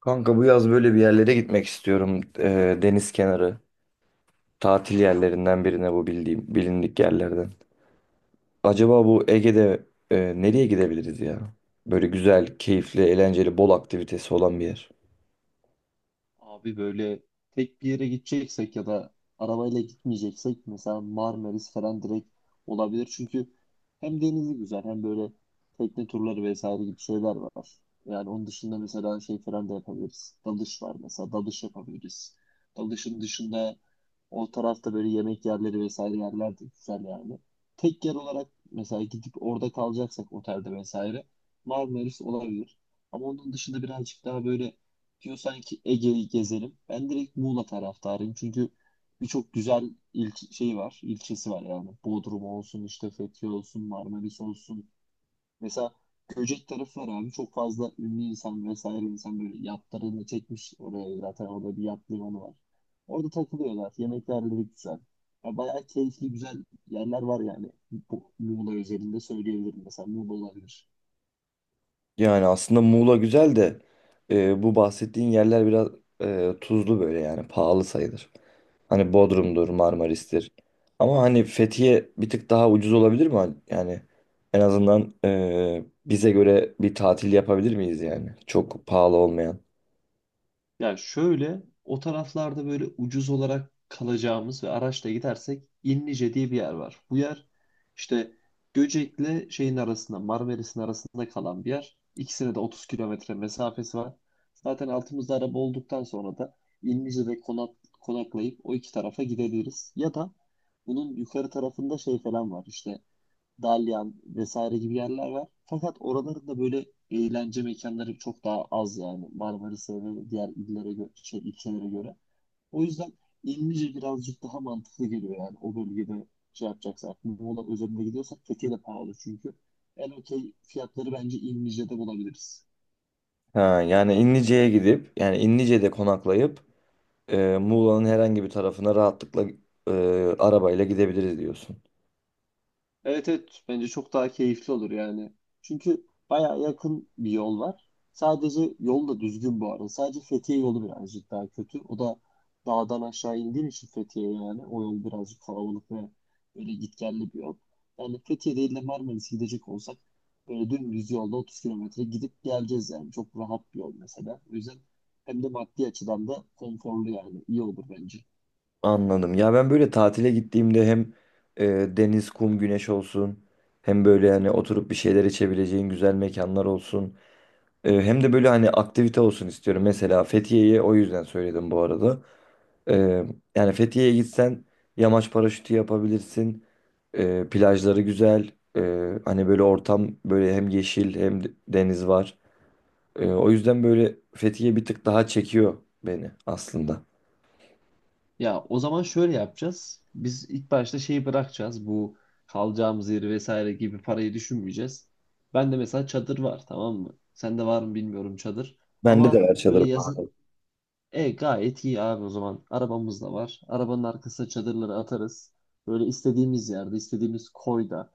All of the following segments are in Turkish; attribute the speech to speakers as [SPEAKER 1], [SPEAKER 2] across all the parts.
[SPEAKER 1] Kanka bu yaz böyle bir yerlere gitmek istiyorum. Deniz kenarı. Tatil yerlerinden birine bu bildiğim, bilindik yerlerden. Acaba bu Ege'de nereye gidebiliriz ya? Böyle güzel, keyifli, eğlenceli, bol aktivitesi olan bir yer.
[SPEAKER 2] Abi böyle tek bir yere gideceksek ya da arabayla gitmeyeceksek mesela Marmaris falan direkt olabilir. Çünkü hem denizi güzel hem böyle tekne turları vesaire gibi şeyler var. Yani onun dışında mesela şey falan da yapabiliriz. Dalış var mesela dalış yapabiliriz. Dalışın dışında o tarafta böyle yemek yerleri vesaire yerler de güzel yani. Tek yer olarak mesela gidip orada kalacaksak otelde vesaire Marmaris olabilir. Ama onun dışında birazcık daha böyle diyorsan ki Ege'yi gezelim. Ben direkt Muğla taraftarıyım. Çünkü birçok güzel il şey var, ilçesi var yani. Bodrum olsun, işte Fethiye olsun, Marmaris olsun. Mesela Göcek tarafı var abi. Çok fazla ünlü insan vesaire insan böyle yatlarını çekmiş oraya zaten orada bir yat limanı var. Orada takılıyorlar. Yemeklerleri güzel. Ya bayağı keyifli güzel yerler var yani. Bu Muğla özelinde söyleyebilirim. Mesela Muğla olabilir.
[SPEAKER 1] Yani aslında Muğla güzel de bu bahsettiğin yerler biraz tuzlu böyle yani pahalı sayılır. Hani Bodrum'dur, Marmaris'tir. Ama hani Fethiye bir tık daha ucuz olabilir mi? Yani en azından bize göre bir tatil yapabilir miyiz yani? Çok pahalı olmayan.
[SPEAKER 2] Yani şöyle o taraflarda böyle ucuz olarak kalacağımız ve araçla gidersek İnlice diye bir yer var. Bu yer işte Göcek'le şeyin arasında Marmaris'in arasında kalan bir yer. İkisine de 30 kilometre mesafesi var. Zaten altımızda araba olduktan sonra da İnlice'de konak, konaklayıp o iki tarafa gidebiliriz. Ya da bunun yukarı tarafında şey falan var işte Dalyan vesaire gibi yerler var. Fakat oraların da böyle eğlence mekanları çok daha az yani Marmaris'e ve diğer illere göre, şey, ilçelere göre. O yüzden İlmice birazcık daha mantıklı geliyor yani o bölgede şey yapacaksak. Muğla özelinde gidiyorsak Fethiye de pahalı çünkü. En okey fiyatları bence İlmice'de bulabiliriz.
[SPEAKER 1] Ha, yani İnlice'ye gidip yani İnlice'de konaklayıp Muğla'nın herhangi bir tarafına rahatlıkla e, arabayla gidebiliriz diyorsun.
[SPEAKER 2] Evet, evet, bence çok daha keyifli olur yani. Çünkü baya yakın bir yol var. Sadece yol da düzgün bu arada. Sadece Fethiye yolu birazcık daha kötü. O da dağdan aşağı indiğin için Fethiye yani. O yol birazcık kalabalık ve böyle gitgelli bir yol. Yani Fethiye değil de Marmaris'e gidecek olsak böyle dümdüz yolda 30 kilometre gidip geleceğiz yani. Çok rahat bir yol mesela. O yüzden hem de maddi açıdan da konforlu yani. İyi olur bence.
[SPEAKER 1] Anladım. Ya ben böyle tatile gittiğimde hem e, deniz, kum, güneş olsun hem böyle hani oturup bir şeyler içebileceğin güzel mekanlar olsun. Hem de böyle hani aktivite olsun istiyorum. Mesela Fethiye'yi o yüzden söyledim bu arada. Ee, Yani Fethiye'ye gitsen yamaç paraşütü yapabilirsin. Plajları güzel. Hani böyle ortam böyle hem yeşil deniz var. O yüzden böyle Fethiye bir tık daha çekiyor beni aslında.
[SPEAKER 2] Ya o zaman şöyle yapacağız. Biz ilk başta şeyi bırakacağız. Bu kalacağımız yeri vesaire gibi parayı düşünmeyeceğiz. Ben de mesela çadır var, tamam mı? Sende var mı bilmiyorum çadır.
[SPEAKER 1] Bende de
[SPEAKER 2] Ama
[SPEAKER 1] var
[SPEAKER 2] böyle
[SPEAKER 1] çadır.
[SPEAKER 2] yazın gayet iyi abi o zaman. Arabamız da var. Arabanın arkasına çadırları atarız. Böyle istediğimiz yerde, istediğimiz koyda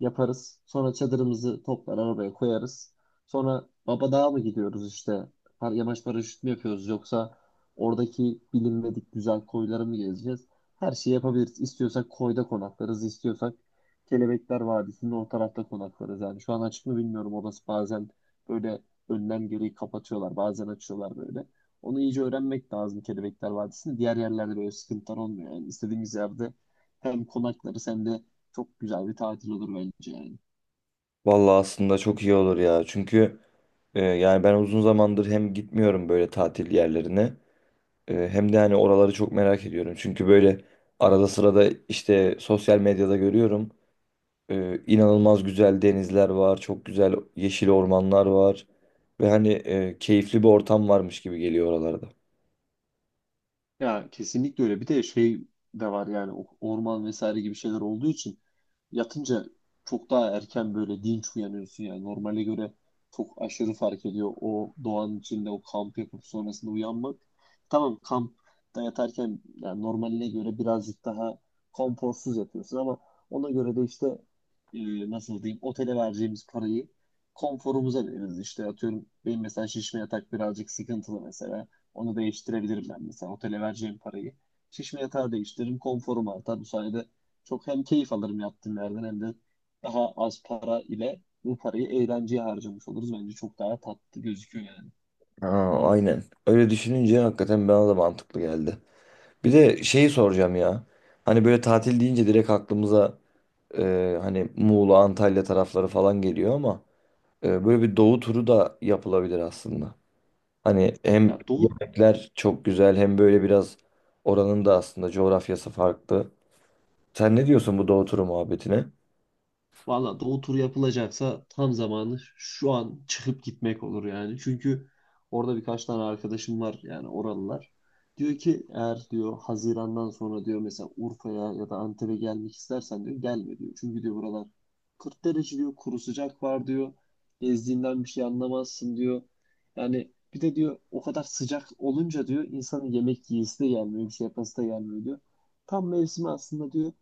[SPEAKER 2] yaparız. Sonra çadırımızı toplar arabaya koyarız. Sonra baba Babadağ'a mı gidiyoruz işte? Yamaç paraşüt mü yapıyoruz yoksa oradaki bilinmedik güzel koyları mı gezeceğiz? Her şeyi yapabiliriz. İstiyorsak koyda konaklarız, istiyorsak Kelebekler Vadisi'nin o tarafta konaklarız. Yani şu an açık mı bilmiyorum. Orası bazen böyle önlem gereği kapatıyorlar, bazen açıyorlar böyle. Onu iyice öğrenmek lazım Kelebekler Vadisi'nde. Diğer yerlerde böyle sıkıntılar olmuyor. Yani istediğimiz yerde hem konaklarız hem de çok güzel bir tatil olur bence yani.
[SPEAKER 1] Vallahi aslında çok iyi olur ya. Çünkü yani ben uzun zamandır hem gitmiyorum böyle tatil yerlerine. Hem de hani oraları çok merak ediyorum. Çünkü böyle arada sırada işte sosyal medyada görüyorum. İnanılmaz güzel denizler var, çok güzel yeşil ormanlar var. Ve hani keyifli bir ortam varmış gibi geliyor oralarda.
[SPEAKER 2] Ya kesinlikle öyle. Bir de şey de var yani orman vesaire gibi şeyler olduğu için yatınca çok daha erken böyle dinç uyanıyorsun yani. Normale göre çok aşırı fark ediyor o doğanın içinde o kamp yapıp sonrasında uyanmak. Tamam, kampta yatarken yani normaline göre birazcık daha konforsuz yatıyorsun ama ona göre de işte nasıl diyeyim otele vereceğimiz parayı konforumuza veririz. İşte atıyorum benim mesela şişme yatak birazcık sıkıntılı mesela. Onu değiştirebilirim ben mesela otele vereceğim parayı. Şişme yatağı değiştiririm konforum artar. Bu sayede çok hem keyif alırım yaptığım yerden hem de daha az para ile bu parayı eğlenceye harcamış oluruz. Bence çok daha tatlı gözüküyor yani.
[SPEAKER 1] Aa, aynen. Öyle düşününce hakikaten bana da mantıklı geldi. Bir de şeyi soracağım ya. Hani böyle tatil deyince direkt aklımıza hani Muğla, Antalya tarafları falan geliyor ama böyle bir doğu turu da yapılabilir aslında. Hani hem
[SPEAKER 2] Ya Doğu
[SPEAKER 1] yemekler çok güzel hem böyle biraz oranın da aslında coğrafyası farklı. Sen ne diyorsun bu doğu turu muhabbetine?
[SPEAKER 2] Valla doğu turu yapılacaksa tam zamanı şu an çıkıp gitmek olur yani. Çünkü orada birkaç tane arkadaşım var yani oralılar. Diyor ki eğer diyor Haziran'dan sonra diyor mesela Urfa'ya ya da Antep'e gelmek istersen diyor gelme diyor. Çünkü diyor buralar 40 derece diyor kuru sıcak var diyor. Gezdiğinden bir şey anlamazsın diyor. Yani bir de diyor o kadar sıcak olunca diyor insanın yemek yiyesi de gelmiyor bir şey yapası da gelmiyor diyor. Tam mevsimi aslında diyor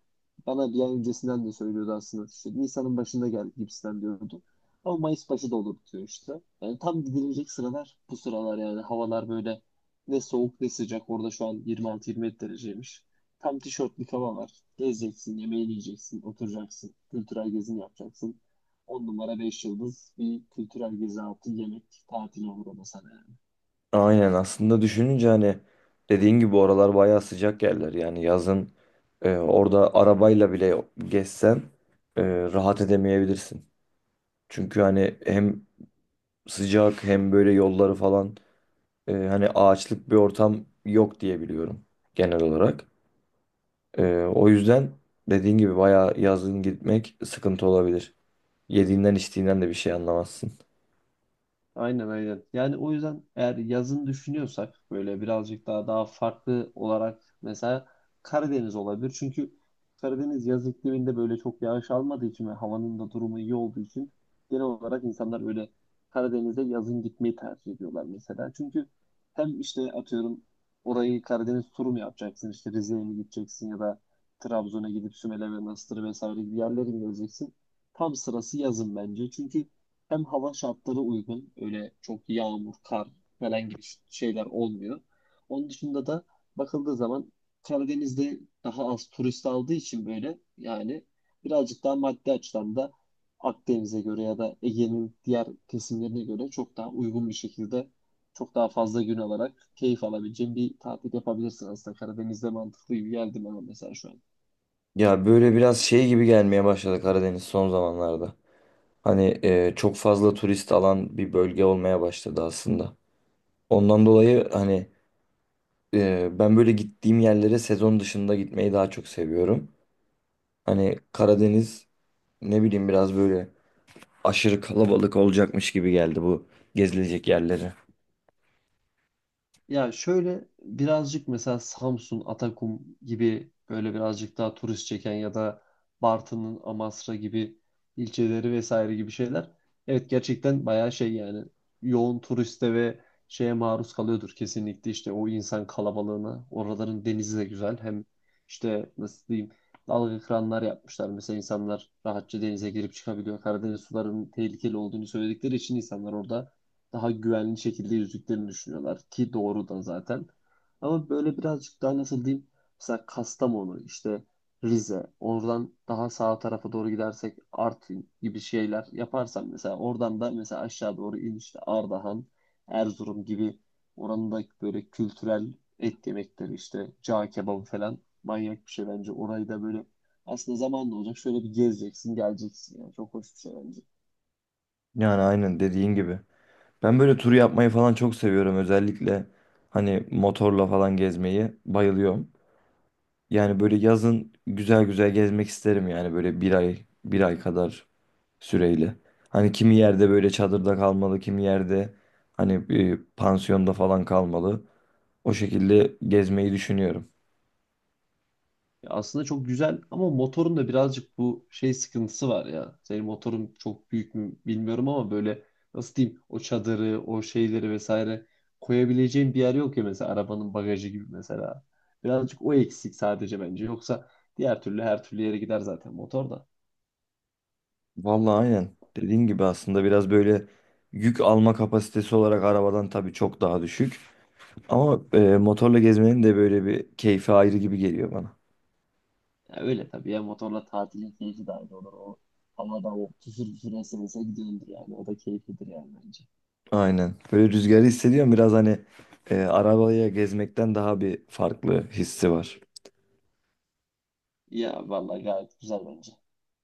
[SPEAKER 2] bana bir ay öncesinden de söylüyordu aslında. İşte Nisan'ın başında gel gibisinden diyordu. Ama Mayıs başı da olur diyor işte. Yani tam gidilecek sıralar bu sıralar yani. Havalar böyle ne soğuk ne sıcak. Orada şu an 26-27 dereceymiş. Tam tişörtlük hava var. Gezeceksin, yemeğini yiyeceksin, oturacaksın. Kültürel gezini yapacaksın. 10 numara 5 yıldız bir kültürel gezi altı yemek tatili olur ona sana. Yani
[SPEAKER 1] Aynen aslında düşününce hani dediğin gibi oralar bayağı sıcak yerler. Yani yazın orada arabayla bile gezsen e, rahat edemeyebilirsin. Çünkü hani hem sıcak hem böyle yolları falan hani ağaçlık bir ortam yok diye biliyorum genel olarak. E, O yüzden dediğin gibi bayağı yazın gitmek sıkıntı olabilir. Yediğinden içtiğinden de bir şey anlamazsın.
[SPEAKER 2] aynen, aynen. Yani o yüzden eğer yazın düşünüyorsak böyle birazcık daha farklı olarak mesela Karadeniz olabilir. Çünkü Karadeniz yaz ikliminde böyle çok yağış almadığı için ve havanın da durumu iyi olduğu için genel olarak insanlar böyle Karadeniz'e yazın gitmeyi tercih ediyorlar mesela. Çünkü hem işte atıyorum orayı Karadeniz turu mu yapacaksın? İşte Rize'ye mi gideceksin ya da Trabzon'a gidip Sümele ve Manastır vesaire gibi yerlere mi geleceksin? Tam sırası yazın bence. Çünkü hem hava şartları uygun. Öyle çok yağmur, kar falan gibi şeyler olmuyor. Onun dışında da bakıldığı zaman Karadeniz'de daha az turist aldığı için böyle yani birazcık daha maddi açıdan da Akdeniz'e göre ya da Ege'nin diğer kesimlerine göre çok daha uygun bir şekilde çok daha fazla gün alarak keyif alabileceğin bir tatil yapabilirsin aslında. Karadeniz'de mantıklı gibi geldi bana mesela şu an.
[SPEAKER 1] Ya böyle biraz şey gibi gelmeye başladı Karadeniz son zamanlarda. Hani çok fazla turist alan bir bölge olmaya başladı aslında. Ondan dolayı hani ben böyle gittiğim yerlere sezon dışında gitmeyi daha çok seviyorum. Hani Karadeniz ne bileyim biraz böyle aşırı kalabalık olacakmış gibi geldi bu gezilecek yerleri.
[SPEAKER 2] Ya şöyle birazcık mesela Samsun, Atakum gibi böyle birazcık daha turist çeken ya da Bartın'ın Amasra gibi ilçeleri vesaire gibi şeyler. Evet, gerçekten bayağı şey yani yoğun turiste ve şeye maruz kalıyordur kesinlikle işte o insan kalabalığına. Oraların denizi de güzel. Hem işte nasıl diyeyim dalga kıranlar yapmışlar. Mesela insanlar rahatça denize girip çıkabiliyor. Karadeniz sularının tehlikeli olduğunu söyledikleri için insanlar orada daha güvenli şekilde yüzdüklerini düşünüyorlar ki doğru da zaten. Ama böyle birazcık daha nasıl diyeyim mesela Kastamonu işte Rize oradan daha sağ tarafa doğru gidersek Artvin gibi şeyler yaparsam mesela oradan da mesela aşağı doğru in işte Ardahan, Erzurum gibi oranın da böyle kültürel et yemekleri işte cağ kebabı falan manyak bir şey bence. Orayı da böyle aslında zamanla olacak şöyle bir gezeceksin geleceksin yani çok hoş bir şey bence.
[SPEAKER 1] Yani aynen dediğin gibi. Ben böyle tur yapmayı falan çok seviyorum özellikle hani motorla falan gezmeyi bayılıyorum. Yani böyle yazın güzel güzel gezmek isterim yani böyle bir ay bir ay kadar süreyle. Hani kimi yerde böyle çadırda kalmalı, kimi yerde hani pansiyonda falan kalmalı. O şekilde gezmeyi düşünüyorum.
[SPEAKER 2] Ya aslında çok güzel ama motorun da birazcık bu şey sıkıntısı var ya. Senin motorun çok büyük mü bilmiyorum ama böyle nasıl diyeyim o çadırı, o şeyleri vesaire koyabileceğin bir yer yok ya mesela arabanın bagajı gibi mesela. Birazcık o eksik sadece bence. Yoksa diğer türlü her türlü yere gider zaten motor da.
[SPEAKER 1] Vallahi aynen. Dediğin gibi aslında biraz böyle yük alma kapasitesi olarak arabadan tabii çok daha düşük. Ama motorla gezmenin de böyle bir keyfi ayrı gibi geliyor bana.
[SPEAKER 2] Ya öyle tabii ya motorla tatilin keyfi de ayrı olur. O havada o küfür küfür esense gidiyordur yani. O da keyiflidir yani bence.
[SPEAKER 1] Aynen. Böyle rüzgarı hissediyorum biraz hani arabaya gezmekten daha bir farklı hissi var.
[SPEAKER 2] Ya vallahi gayet güzel bence.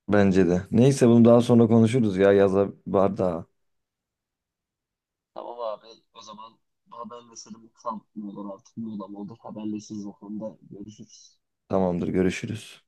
[SPEAKER 1] Bence de. Neyse bunu daha sonra konuşuruz ya. Yaza var.
[SPEAKER 2] Tamam abi, o zaman haberleşelim. Kamp mı olur artık ne olur haberleşiriz, o konuda görüşürüz.
[SPEAKER 1] Tamamdır, görüşürüz.